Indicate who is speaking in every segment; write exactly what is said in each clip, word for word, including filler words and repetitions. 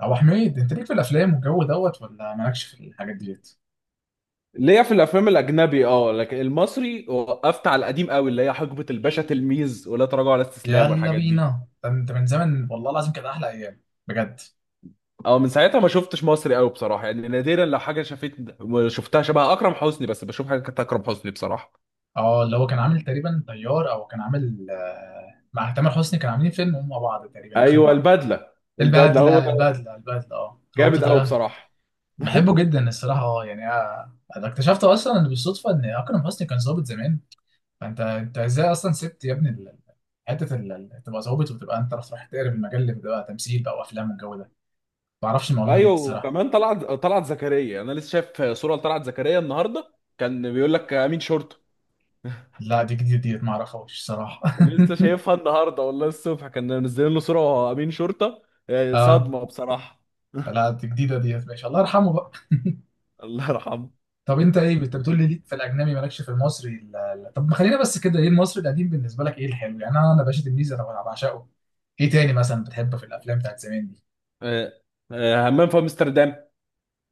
Speaker 1: ابو حميد انت ليك في الافلام والجو دوت ولا مالكش في الحاجات ديت؟
Speaker 2: ليا في الافلام الاجنبي اه، لكن المصري وقفت على القديم قوي اللي هي حقبه الباشا تلميذ ولا تراجع ولا استسلام
Speaker 1: يلا
Speaker 2: والحاجات دي.
Speaker 1: بينا ده انت من زمن، والله العظيم كانت احلى ايام، بجد.
Speaker 2: اه من ساعتها ما شفتش مصري قوي بصراحه، يعني نادرا لو حاجه شفت. شفتها شبه اكرم حسني، بس بشوف حاجه كانت اكرم حسني بصراحه.
Speaker 1: اه اللي هو كان عامل تقريبا طيار، او كان عامل آه، مع تامر حسني كان عاملين فيلم هم مع بعض تقريبا اخر
Speaker 2: ايوه
Speaker 1: مره.
Speaker 2: البدله. البدله هو
Speaker 1: البدله
Speaker 2: ده.
Speaker 1: البدله البدله، اه لو قلت
Speaker 2: جامد قوي
Speaker 1: طيار.
Speaker 2: بصراحه.
Speaker 1: بحبه جدا الصراحه، اه يعني آه، انا اكتشفت اصلا، إن بالصدفه ان اكرم حسني كان ظابط زمان. فانت انت ازاي اصلا سبت يا ابني ال- حته ال- ال- تبقى ظابط وتبقى انت رايح تقرب المجال اللي بتبقى تمثيل بقى وافلام والجو ده؟ ما اعرفش المعلومه دي
Speaker 2: ايوه،
Speaker 1: الصراحه.
Speaker 2: وكمان طلعت طلعت زكريا. انا لسه شايف صوره لطلعت زكريا النهارده كان بيقول لك امين شرطه.
Speaker 1: لا دي جديده ديت، ما اعرفهاش الصراحه.
Speaker 2: لسه شايفها النهارده والله الصبح كان منزلين له صوره وهو امين شرطه. آه،
Speaker 1: اه،
Speaker 2: صدمه بصراحه.
Speaker 1: لا دي جديده ديت، ماشي، الله يرحمه بقى.
Speaker 2: الله يرحمه.
Speaker 1: طب انت ايه، انت بتقول لي ليك في الاجنبي مالكش في المصري، لا لا. طب ما خلينا بس كده، ايه المصري القديم بالنسبه لك، ايه الحلو يعني؟ انا انا باشا تلميذ انا بعشقه. ايه تاني مثلا بتحبه في الافلام بتاعت زمان دي؟
Speaker 2: آه، آه، همام في امستردام.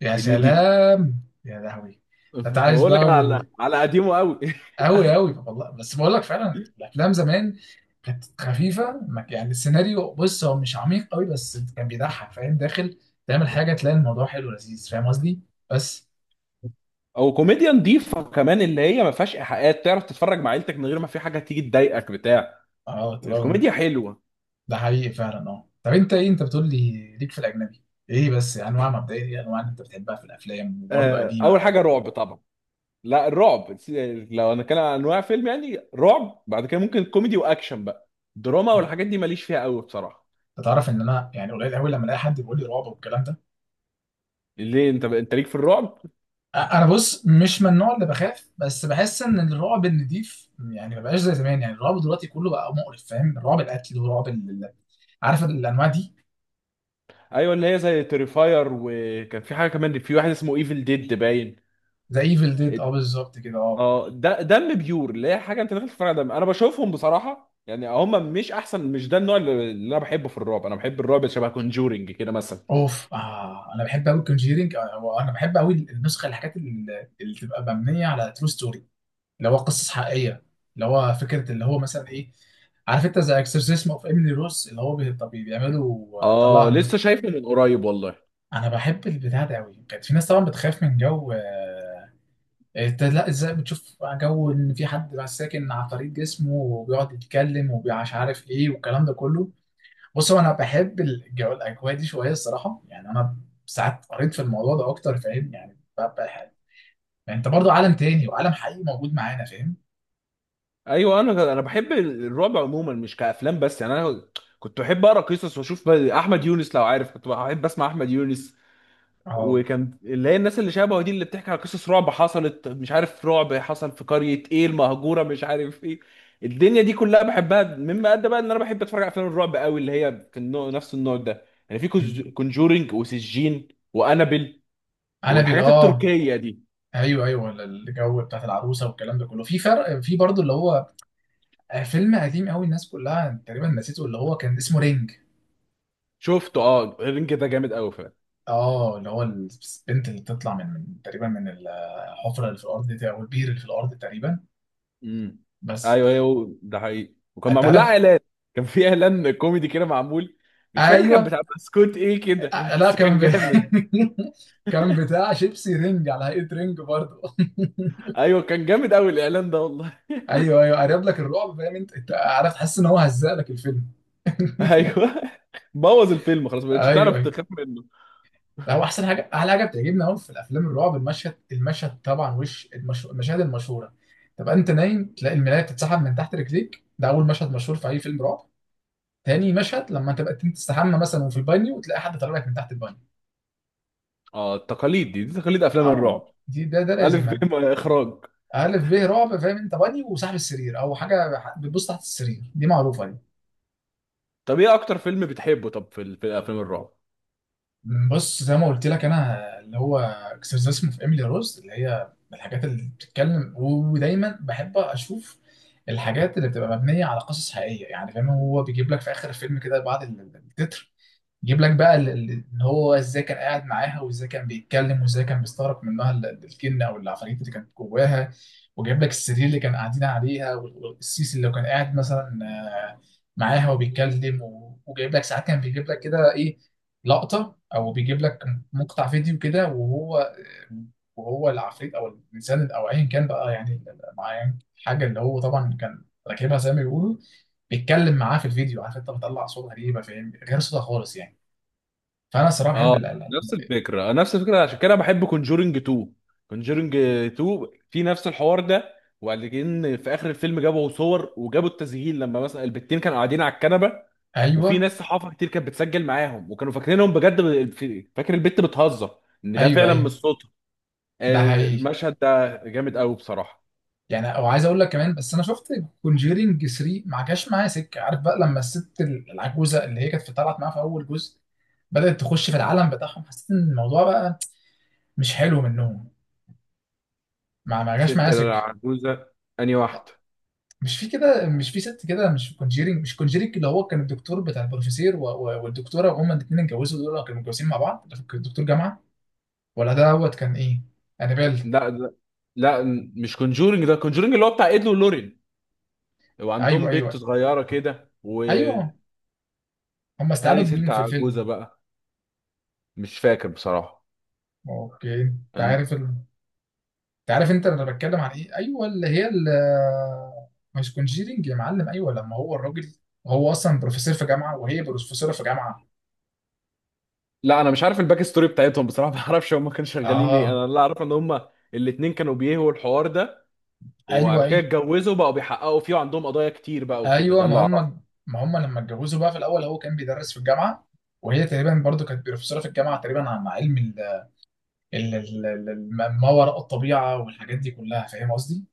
Speaker 1: يا
Speaker 2: هنيدي.
Speaker 1: سلام، يا لهوي. انت عايز
Speaker 2: بقول لك
Speaker 1: بقى.
Speaker 2: على على قديمه قوي.
Speaker 1: قوي قوي والله، بس بقول لك فعلا الافلام زمان كانت خفيفه، ما- يعني السيناريو بص هو مش عميق قوي، بس كان بيضحك، فاهم؟ داخل تعمل حاجه تلاقي الموضوع حلو ولذيذ، فاهم قصدي؟ بس.
Speaker 2: او كوميديا نظيفه كمان، اللي هي ما فيهاش ايحاءات، تعرف تتفرج مع عيلتك من غير ما في حاجه تيجي تضايقك بتاع.
Speaker 1: اه تبقى.
Speaker 2: الكوميديا حلوه.
Speaker 1: ده حقيقي فعلا. اه طب انت ايه، انت بتقول لي ليك في الاجنبي، ايه بس انواع مبدئيه، ايه انواع اللي انت بتحبها في الافلام، وبرضه
Speaker 2: آه،
Speaker 1: قديمه
Speaker 2: اول
Speaker 1: ولا
Speaker 2: حاجه
Speaker 1: جديده؟
Speaker 2: رعب طبعا. لا الرعب س- لو انا كان عن انواع فيلم يعني رعب، بعد كده ممكن كوميدي واكشن بقى. دراما والحاجات دي ماليش فيها قوي بصراحه.
Speaker 1: انت تعرف ان انا يعني قليل قوي لما الاقي حد بيقول لي رعب والكلام ده.
Speaker 2: ليه؟ انت انت ليك في الرعب؟
Speaker 1: انا بص مش من النوع اللي بخاف، بس بحس ان الرعب النضيف يعني ما بقاش زي زمان، يعني الرعب دلوقتي كله بقى مقرف، فاهم؟ رعب القتل ورعب ال... ال- عارف الانواع دي.
Speaker 2: ايوه اللي هي زي تريفاير، وكان في حاجه كمان، في واحد اسمه ايفل ديد باين.
Speaker 1: زي ايفل ديد، اه بالظبط كده اه.
Speaker 2: اه، ده دم بيور، اللي هي حاجه انت داخل تتفرج على دم. انا بشوفهم بصراحه يعني هم مش احسن. مش ده النوع اللي اللي انا بحبه في الرعب. انا بحب الرعب شبه كونجورنج كده مثلا.
Speaker 1: اوف، آه انا بحب قوي كونجيرنج. انا بحب قوي النسخه، الحاجات اللي, اللي تبقى مبنيه على ترو ستوري، اللي هو قصص حقيقيه، اللي هو فكره اللي هو مثلا ايه، عارف انت، زي اكسورسيزم اوف ايميلي روز، اللي هو بي- طب بيعملوا آه،
Speaker 2: اه
Speaker 1: طلعها.
Speaker 2: لسه شايفه من قريب والله.
Speaker 1: انا بحب البتاع ده قوي. كانت في ناس طبعا بتخاف من جو، آه، انت لا، ازاي بتشوف جو ان في حد بقى ساكن على طريق جسمه وبيقعد يتكلم ومش عارف ايه والكلام ده كله؟ بص هو انا بحب الجو، الاجواء دي شويه الصراحه، يعني انا ساعات قريت في الموضوع ده اكتر، فاهم يعني؟ ببقى حاجة. يعني انت برضو عالم تاني، وعالم حقيقي موجود معانا، فاهم؟
Speaker 2: ايوه، انا انا بحب الرعب عموما مش كافلام بس، يعني انا كنت بحب اقرا قصص واشوف بقى- احمد يونس لو عارف. كنت بحب اسمع احمد يونس،
Speaker 1: اه.
Speaker 2: وكان اللي هي الناس اللي شبهه دي اللي بتحكي على قصص رعب حصلت، مش عارف رعب حصل في قرية ايه المهجورة، مش عارف ايه. الدنيا دي كلها بحبها، مما ادى بقى ان انا بحب اتفرج على افلام الرعب قوي، اللي هي كان نوع- نفس النوع ده يعني، في
Speaker 1: أمم.
Speaker 2: كونجورينج وسجين وانابل
Speaker 1: عنابل،
Speaker 2: والحاجات
Speaker 1: اه.
Speaker 2: التركية دي.
Speaker 1: ايوه ايوه، الجو بتاعت العروسه والكلام ده كله. في فرق، في برضو اللي هو فيلم قديم قوي، الناس كلها تقريبا نسيته، اللي هو كان اسمه رينج.
Speaker 2: شفته، اه الرينج ده جامد قوي فعلا.
Speaker 1: اه اللي هو البنت اللي بتطلع من من- تقريبا من الحفره اللي في الارض دي، او البير اللي في الارض تقريبا.
Speaker 2: امم.
Speaker 1: بس.
Speaker 2: ايوه ايوه ده حقيقي، وكان
Speaker 1: انت
Speaker 2: معمول لها
Speaker 1: عارف؟
Speaker 2: اعلان. كان في اعلان كوميدي كده معمول، مش فاكر
Speaker 1: ايوه.
Speaker 2: كان بتاع بسكوت ايه كده
Speaker 1: آه، لا
Speaker 2: بس
Speaker 1: كان
Speaker 2: كان
Speaker 1: ب...
Speaker 2: جامد.
Speaker 1: كان بتاع شيبسي رينج على هيئه رينج برضه.
Speaker 2: ايوه كان جامد قوي الاعلان ده والله.
Speaker 1: ايوه ايوه، قرب لك الرعب، فاهم انت؟ انت عارف تحس ان هو هزق لك الفيلم.
Speaker 2: ايوه. بوظ الفيلم خلاص، ما بقتش
Speaker 1: ايوه
Speaker 2: تعرف
Speaker 1: ايوه.
Speaker 2: تخاف منه.
Speaker 1: ده هو احسن حاجه، احلى حاجه بتعجبني قوي في الافلام الرعب، المشهد المشهد طبعا، وش المش... المشاهد المشهوره، تبقى انت نايم تلاقي الملايه بتتسحب من تحت رجليك، ده اول مشهد مشهور في اي فيلم رعب. تاني مشهد، لما تبقى انت تستحمى مثلا وفي البانيو وتلاقي حد طالع لك من تحت البانيو.
Speaker 2: اه التقاليد دي، دي تقاليد افلام
Speaker 1: اه.
Speaker 2: الرعب.
Speaker 1: دي ده ده
Speaker 2: الف
Speaker 1: لازم
Speaker 2: ب
Speaker 1: انت،
Speaker 2: م- اخراج.
Speaker 1: الف ب رعب، فاهم انت؟ بانيو، وصاحب السرير او حاجه ح- بتبص تحت السرير، دي معروفه دي.
Speaker 2: طب ايه اكتر فيلم بتحبه؟ طب في, ال- في افلام الرعب؟
Speaker 1: بص زي ما قلت لك، انا اللي هو اكسرسيس اسمه في ايميلي روز، اللي هي من الحاجات اللي بتتكلم، ودايما بحب اشوف الحاجات اللي بتبقى مبنيه على قصص حقيقيه، يعني فاهم؟ هو بيجيب لك في اخر الفيلم كده، بعد ال- التتر، يجيب لك بقى ال- ال- ان هو ازاي كان قاعد معاها، وازاي كان بيتكلم، وازاي كان بيستغرق منها ال- ال- الجن او العفاريت اللي كانت جواها. وجايب لك السرير اللي كان قاعدين عليها، وال- والسيسي اللي كان قاعد مثلا آه، معاها وبيتكلم، و- وجايب لك ساعات كان بيجيب لك كده ايه، لقطة، او بيجيب لك مقطع فيديو كده، وهو وهو العفريت او الانسان او ايا كان بقى، يعني معين حاجة، اللي هو طبعا كان راكبها زي ما بيقولوا، بيتكلم معاه في الفيديو. عارف انت بتطلع صوت غريبة، فاهم؟ غير صوتها خالص يعني. فانا الصراحه بحب
Speaker 2: اه،
Speaker 1: القلقل.
Speaker 2: نفس الفكره، نفس الفكره. عشان كده بحب كونجورنج اتنين. كونجورنج اتنين في نفس الحوار ده، وبعدين في اخر الفيلم جابوا صور وجابوا التسجيل لما مثلا البتين كانوا قاعدين على الكنبه، وفي
Speaker 1: ايوه
Speaker 2: ناس صحافه كتير كانت بتسجل معاهم وكانوا فاكرينهم بجد، ب- في- فاكر البت بتهزر ان ده
Speaker 1: ايوه
Speaker 2: فعلا مش
Speaker 1: ايوه.
Speaker 2: صوت.
Speaker 1: ده
Speaker 2: آه،
Speaker 1: حقيقي.
Speaker 2: المشهد ده جامد قوي بصراحة.
Speaker 1: يعني، او عايز اقول لك كمان بس، انا شفت كونجيرينج تلاتة، ما جاش معايا سكه. عارف بقى لما الست ال- العجوزه اللي هي كانت في- طلعت معاها في اول جزء، بدات تخش في العالم بتاعهم، حسيت ان الموضوع بقى مش حلو منهم. ما ما جاش
Speaker 2: ست
Speaker 1: معايا سكه.
Speaker 2: العجوزة؟ أنهي واحدة؟
Speaker 1: مش في كده، مش في ست كده، مش في كونجيرينج، مش كونجيرينج اللي هو كان الدكتور بتاع البروفيسير و- و- والدكتوره، وهما الاثنين اتجوزوا، دول كانوا متجوزين مع بعض، ده كان دكتور جامعه، ولا ده دوت كان ايه، انابيل؟
Speaker 2: لا ده، لا، م- مش كونجورنج، ده كونجورنج اللي هو بتاع إيد ولورين،
Speaker 1: ايوه
Speaker 2: وعندهم بنت
Speaker 1: ايوه
Speaker 2: صغيرة كده وأني.
Speaker 1: ايوه. هم استعانوا بمين
Speaker 2: ست
Speaker 1: في
Speaker 2: عجوزة
Speaker 1: الفيلم؟
Speaker 2: بقى، مش فاكر بصراحة.
Speaker 1: اوكي، انت
Speaker 2: أن-
Speaker 1: عارف ال... انت عارف انت انا بتكلم عن ايه؟ ايوه، اللي هي ال... مش كونجيرنج يا معلم، ايوه، لما هو الراجل، هو اصلا بروفيسور في جامعه، وهي بروفيسوره في جامعه.
Speaker 2: لا، أنا مش عارف الباك ستوري بتاعتهم بصراحة. ما أعرفش هما كانوا شغالين إيه.
Speaker 1: اه.
Speaker 2: أنا اللي أعرف إن هما الاتنين كانوا بيهوا الحوار ده،
Speaker 1: ايوه
Speaker 2: وبعد كده
Speaker 1: ايوه
Speaker 2: اتجوزوا، بقوا بيحققوا فيه وعندهم قضايا كتير بقى وكده،
Speaker 1: ايوه.
Speaker 2: ده اللي
Speaker 1: ما
Speaker 2: أعرفه.
Speaker 1: هم ما هم لما اتجوزوا بقى، في الاول هو كان بيدرس في الجامعه، وهي تقريبا برضو كانت بروفيسوره في الجامعه تقريبا، عن علم ال... ال... ال... ال... الم- ما وراء الطبيعه والحاجات دي كلها، فاهم قصدي؟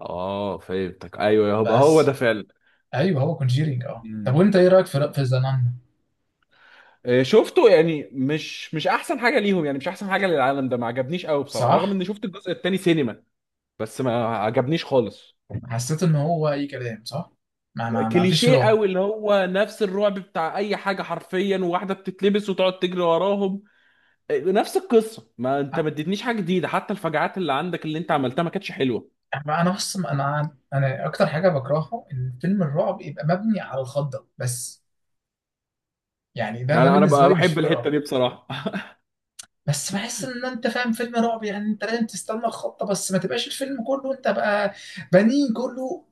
Speaker 2: آه فهمتك، أيوه يبقى هو ده
Speaker 1: بس.
Speaker 2: فعلا.
Speaker 1: ايوه هو كونجيرنج، اه. طب
Speaker 2: مم.
Speaker 1: وانت ايه رايك في في ذا نان؟
Speaker 2: آه، شفته يعني، مش مش احسن حاجه ليهم، يعني مش احسن حاجه للعالم ده. ما عجبنيش قوي بصراحه، رغم
Speaker 1: صح.
Speaker 2: اني شفت الجزء الثاني سينما، بس ما عجبنيش خالص.
Speaker 1: حسيت ان هو اي كلام، صح، ما ما ما فيش
Speaker 2: كليشيه
Speaker 1: رعب.
Speaker 2: قوي، اللي هو نفس الرعب بتاع اي حاجه حرفيا، وواحده بتتلبس وتقعد تجري وراهم. آه، نفس القصه، ما انت ما اديتنيش حاجه جديده، حتى الفجعات اللي عندك اللي انت عملتها ما كانتش حلوه.
Speaker 1: أما انا بص، انا انا اكتر حاجه بكرهها ان فيلم الرعب يبقى مبني على الخضه بس، يعني ده ده
Speaker 2: انا انا
Speaker 1: بالنسبه
Speaker 2: بقى
Speaker 1: لي مش
Speaker 2: بحب
Speaker 1: فيلم
Speaker 2: الحته
Speaker 1: رعب.
Speaker 2: دي بصراحه.
Speaker 1: بس بحس ان انت، فاهم فيلم رعب يعني؟ انت لازم تستنى الخضه، بس ما تبقاش الفيلم كله انت بقى بنين كله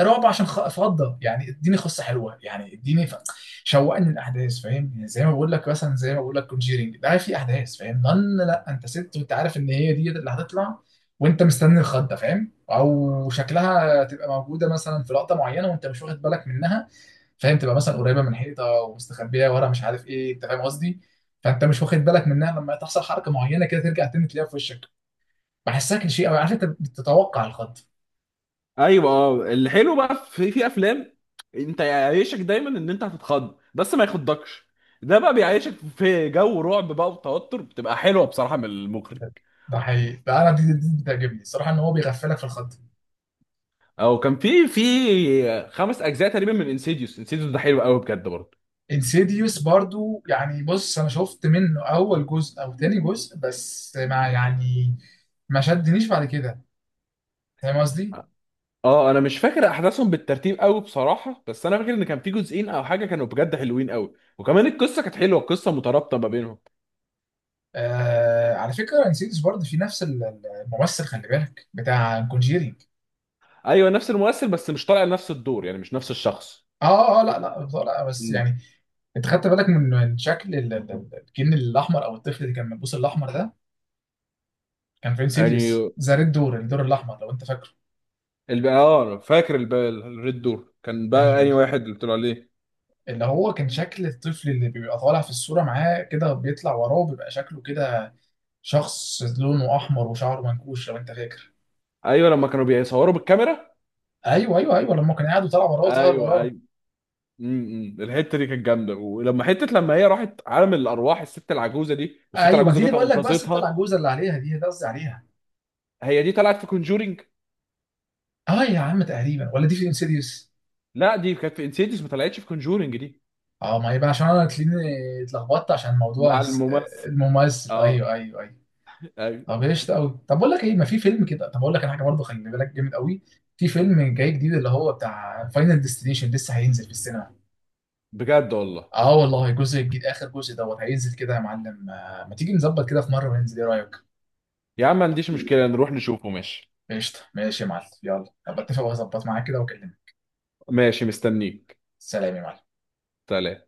Speaker 1: رعب عشان خ- فضه. يعني اديني قصه حلوه، يعني اديني ف... شوقني الاحداث، فاهم يعني؟ زي ما بقول لك مثلا، زي ما بقول لك كونجيرنج ده، في احداث، فاهم؟ ضن، لا انت ست وانت عارف ان هي دي اللي هتطلع، وانت مستني الخضه، فاهم؟ او شكلها تبقى موجوده مثلا في لقطه معينه وانت مش واخد بالك منها، فاهم؟ تبقى مثلا قريبه من حيطه ومستخبيه ورا مش عارف ايه، انت فاهم قصدي؟ فانت مش واخد بالك منها، لما تحصل حركه معينه كده ترجع تاني تلاقيها في وشك. بحسها كليشيه قوي، عارف انت بتتوقع الخط.
Speaker 2: ايوه، اه، الحلو بقى في في افلام، انت يعيشك دايما ان انت هتتخض بس ما يخضكش. ده بقى بيعيشك في جو رعب بقى وتوتر، بتبقى حلوه بصراحه من المخرج.
Speaker 1: ده حقيقي، ده انا دي دي دي بتعجبني الصراحه، ان هو بيغفلك في الخط.
Speaker 2: او كان في في خمس اجزاء تقريبا من انسيديوس. انسيديوس ده حلو قوي بجد برضه.
Speaker 1: انسيديوس برضو، يعني بص انا شفت منه اول جزء او تاني جزء بس، ما يعني، ما شدنيش بعد كده، فاهم قصدي؟
Speaker 2: اه انا مش فاكر احداثهم بالترتيب قوي بصراحه، بس انا فاكر ان كان في جزئين او حاجه كانوا بجد حلوين قوي، وكمان القصه كانت حلوه، القصه مترابطه ما بينهم.
Speaker 1: آه على فكره، انسيديوس برضو في نفس ال- ال- الممثل، خلي بالك، بتاع كونجيري.
Speaker 2: ايوه نفس الممثل، بس مش طالع نفس الدور، يعني مش نفس الشخص.
Speaker 1: اه اه لا لا بصراحة لا، بس
Speaker 2: مم.
Speaker 1: يعني، انت خدت بالك من من شكل ال- ال- ال- الجن الاحمر، او الطفل اللي كان ملبوس الاحمر ده؟ كان في انسيديوس
Speaker 2: يعني
Speaker 1: ذا ريد دور، الدور الاحمر، لو انت فاكره.
Speaker 2: الب... اه فاكر الب... الريد دور كان بقى
Speaker 1: ايوه
Speaker 2: انهي
Speaker 1: ايوه.
Speaker 2: واحد اللي طلع عليه؟
Speaker 1: اللي هو كان شكل الطفل اللي بيبقى طالع في الصوره معاه كده، بيطلع وراه بيبقى شكله كده، شخص لونه احمر وشعره منكوش، لو انت فاكر.
Speaker 2: ايوه لما كانوا بيصوروا بالكاميرا.
Speaker 1: ايوه ايوه ايوه لما كان قاعد وطلع وراه، ظهر
Speaker 2: ايوه
Speaker 1: وراه.
Speaker 2: ايوه. امم الحته دي كانت جامده، ولما حته لما هي راحت عالم الارواح الست العجوزه دي، والست
Speaker 1: ايوه ما دي
Speaker 2: العجوزه
Speaker 1: اللي
Speaker 2: جت
Speaker 1: بقول لك بقى، الست
Speaker 2: انقذتها.
Speaker 1: العجوزه اللي عليها دي، ده قصدي عليها.
Speaker 2: هي دي طلعت في كونجورينج؟
Speaker 1: اه يا عم تقريبا، ولا دي في انسيديوس؟
Speaker 2: لا دي كانت في انسيديوس، ما طلعتش في كونجورينج دي.
Speaker 1: اه، ما يبقى عشان انا تلاقيني اتلخبطت، عشان موضوع
Speaker 2: مع
Speaker 1: الس-
Speaker 2: الممثل.
Speaker 1: الممثل.
Speaker 2: اه.
Speaker 1: ايوه ايوه ايوه.
Speaker 2: أيوة.
Speaker 1: طب ايش قوي، طب بقول لك ايه، ما في فيلم كده، طب اقول لك انا حاجه برضه خلي بالك، جامد قوي، في فيلم جاي جديد اللي هو بتاع فاينل ديستنيشن، لسه هينزل في السينما.
Speaker 2: بجد والله؟
Speaker 1: اه والله، الجزء الجديد، اخر جزء دوت هينزل كده يا معلم. آه، ما تيجي نظبط كده في مره وننزل، ايه رايك؟
Speaker 2: يا عم ما عنديش مشكله، نروح نشوفه ماشي.
Speaker 1: قشطه، ماشي يا معلم، يلا، ابقى اتفق واظبط معاك كده واكلمك.
Speaker 2: ماشي مستنيك.
Speaker 1: سلام يا معلم.
Speaker 2: سلام.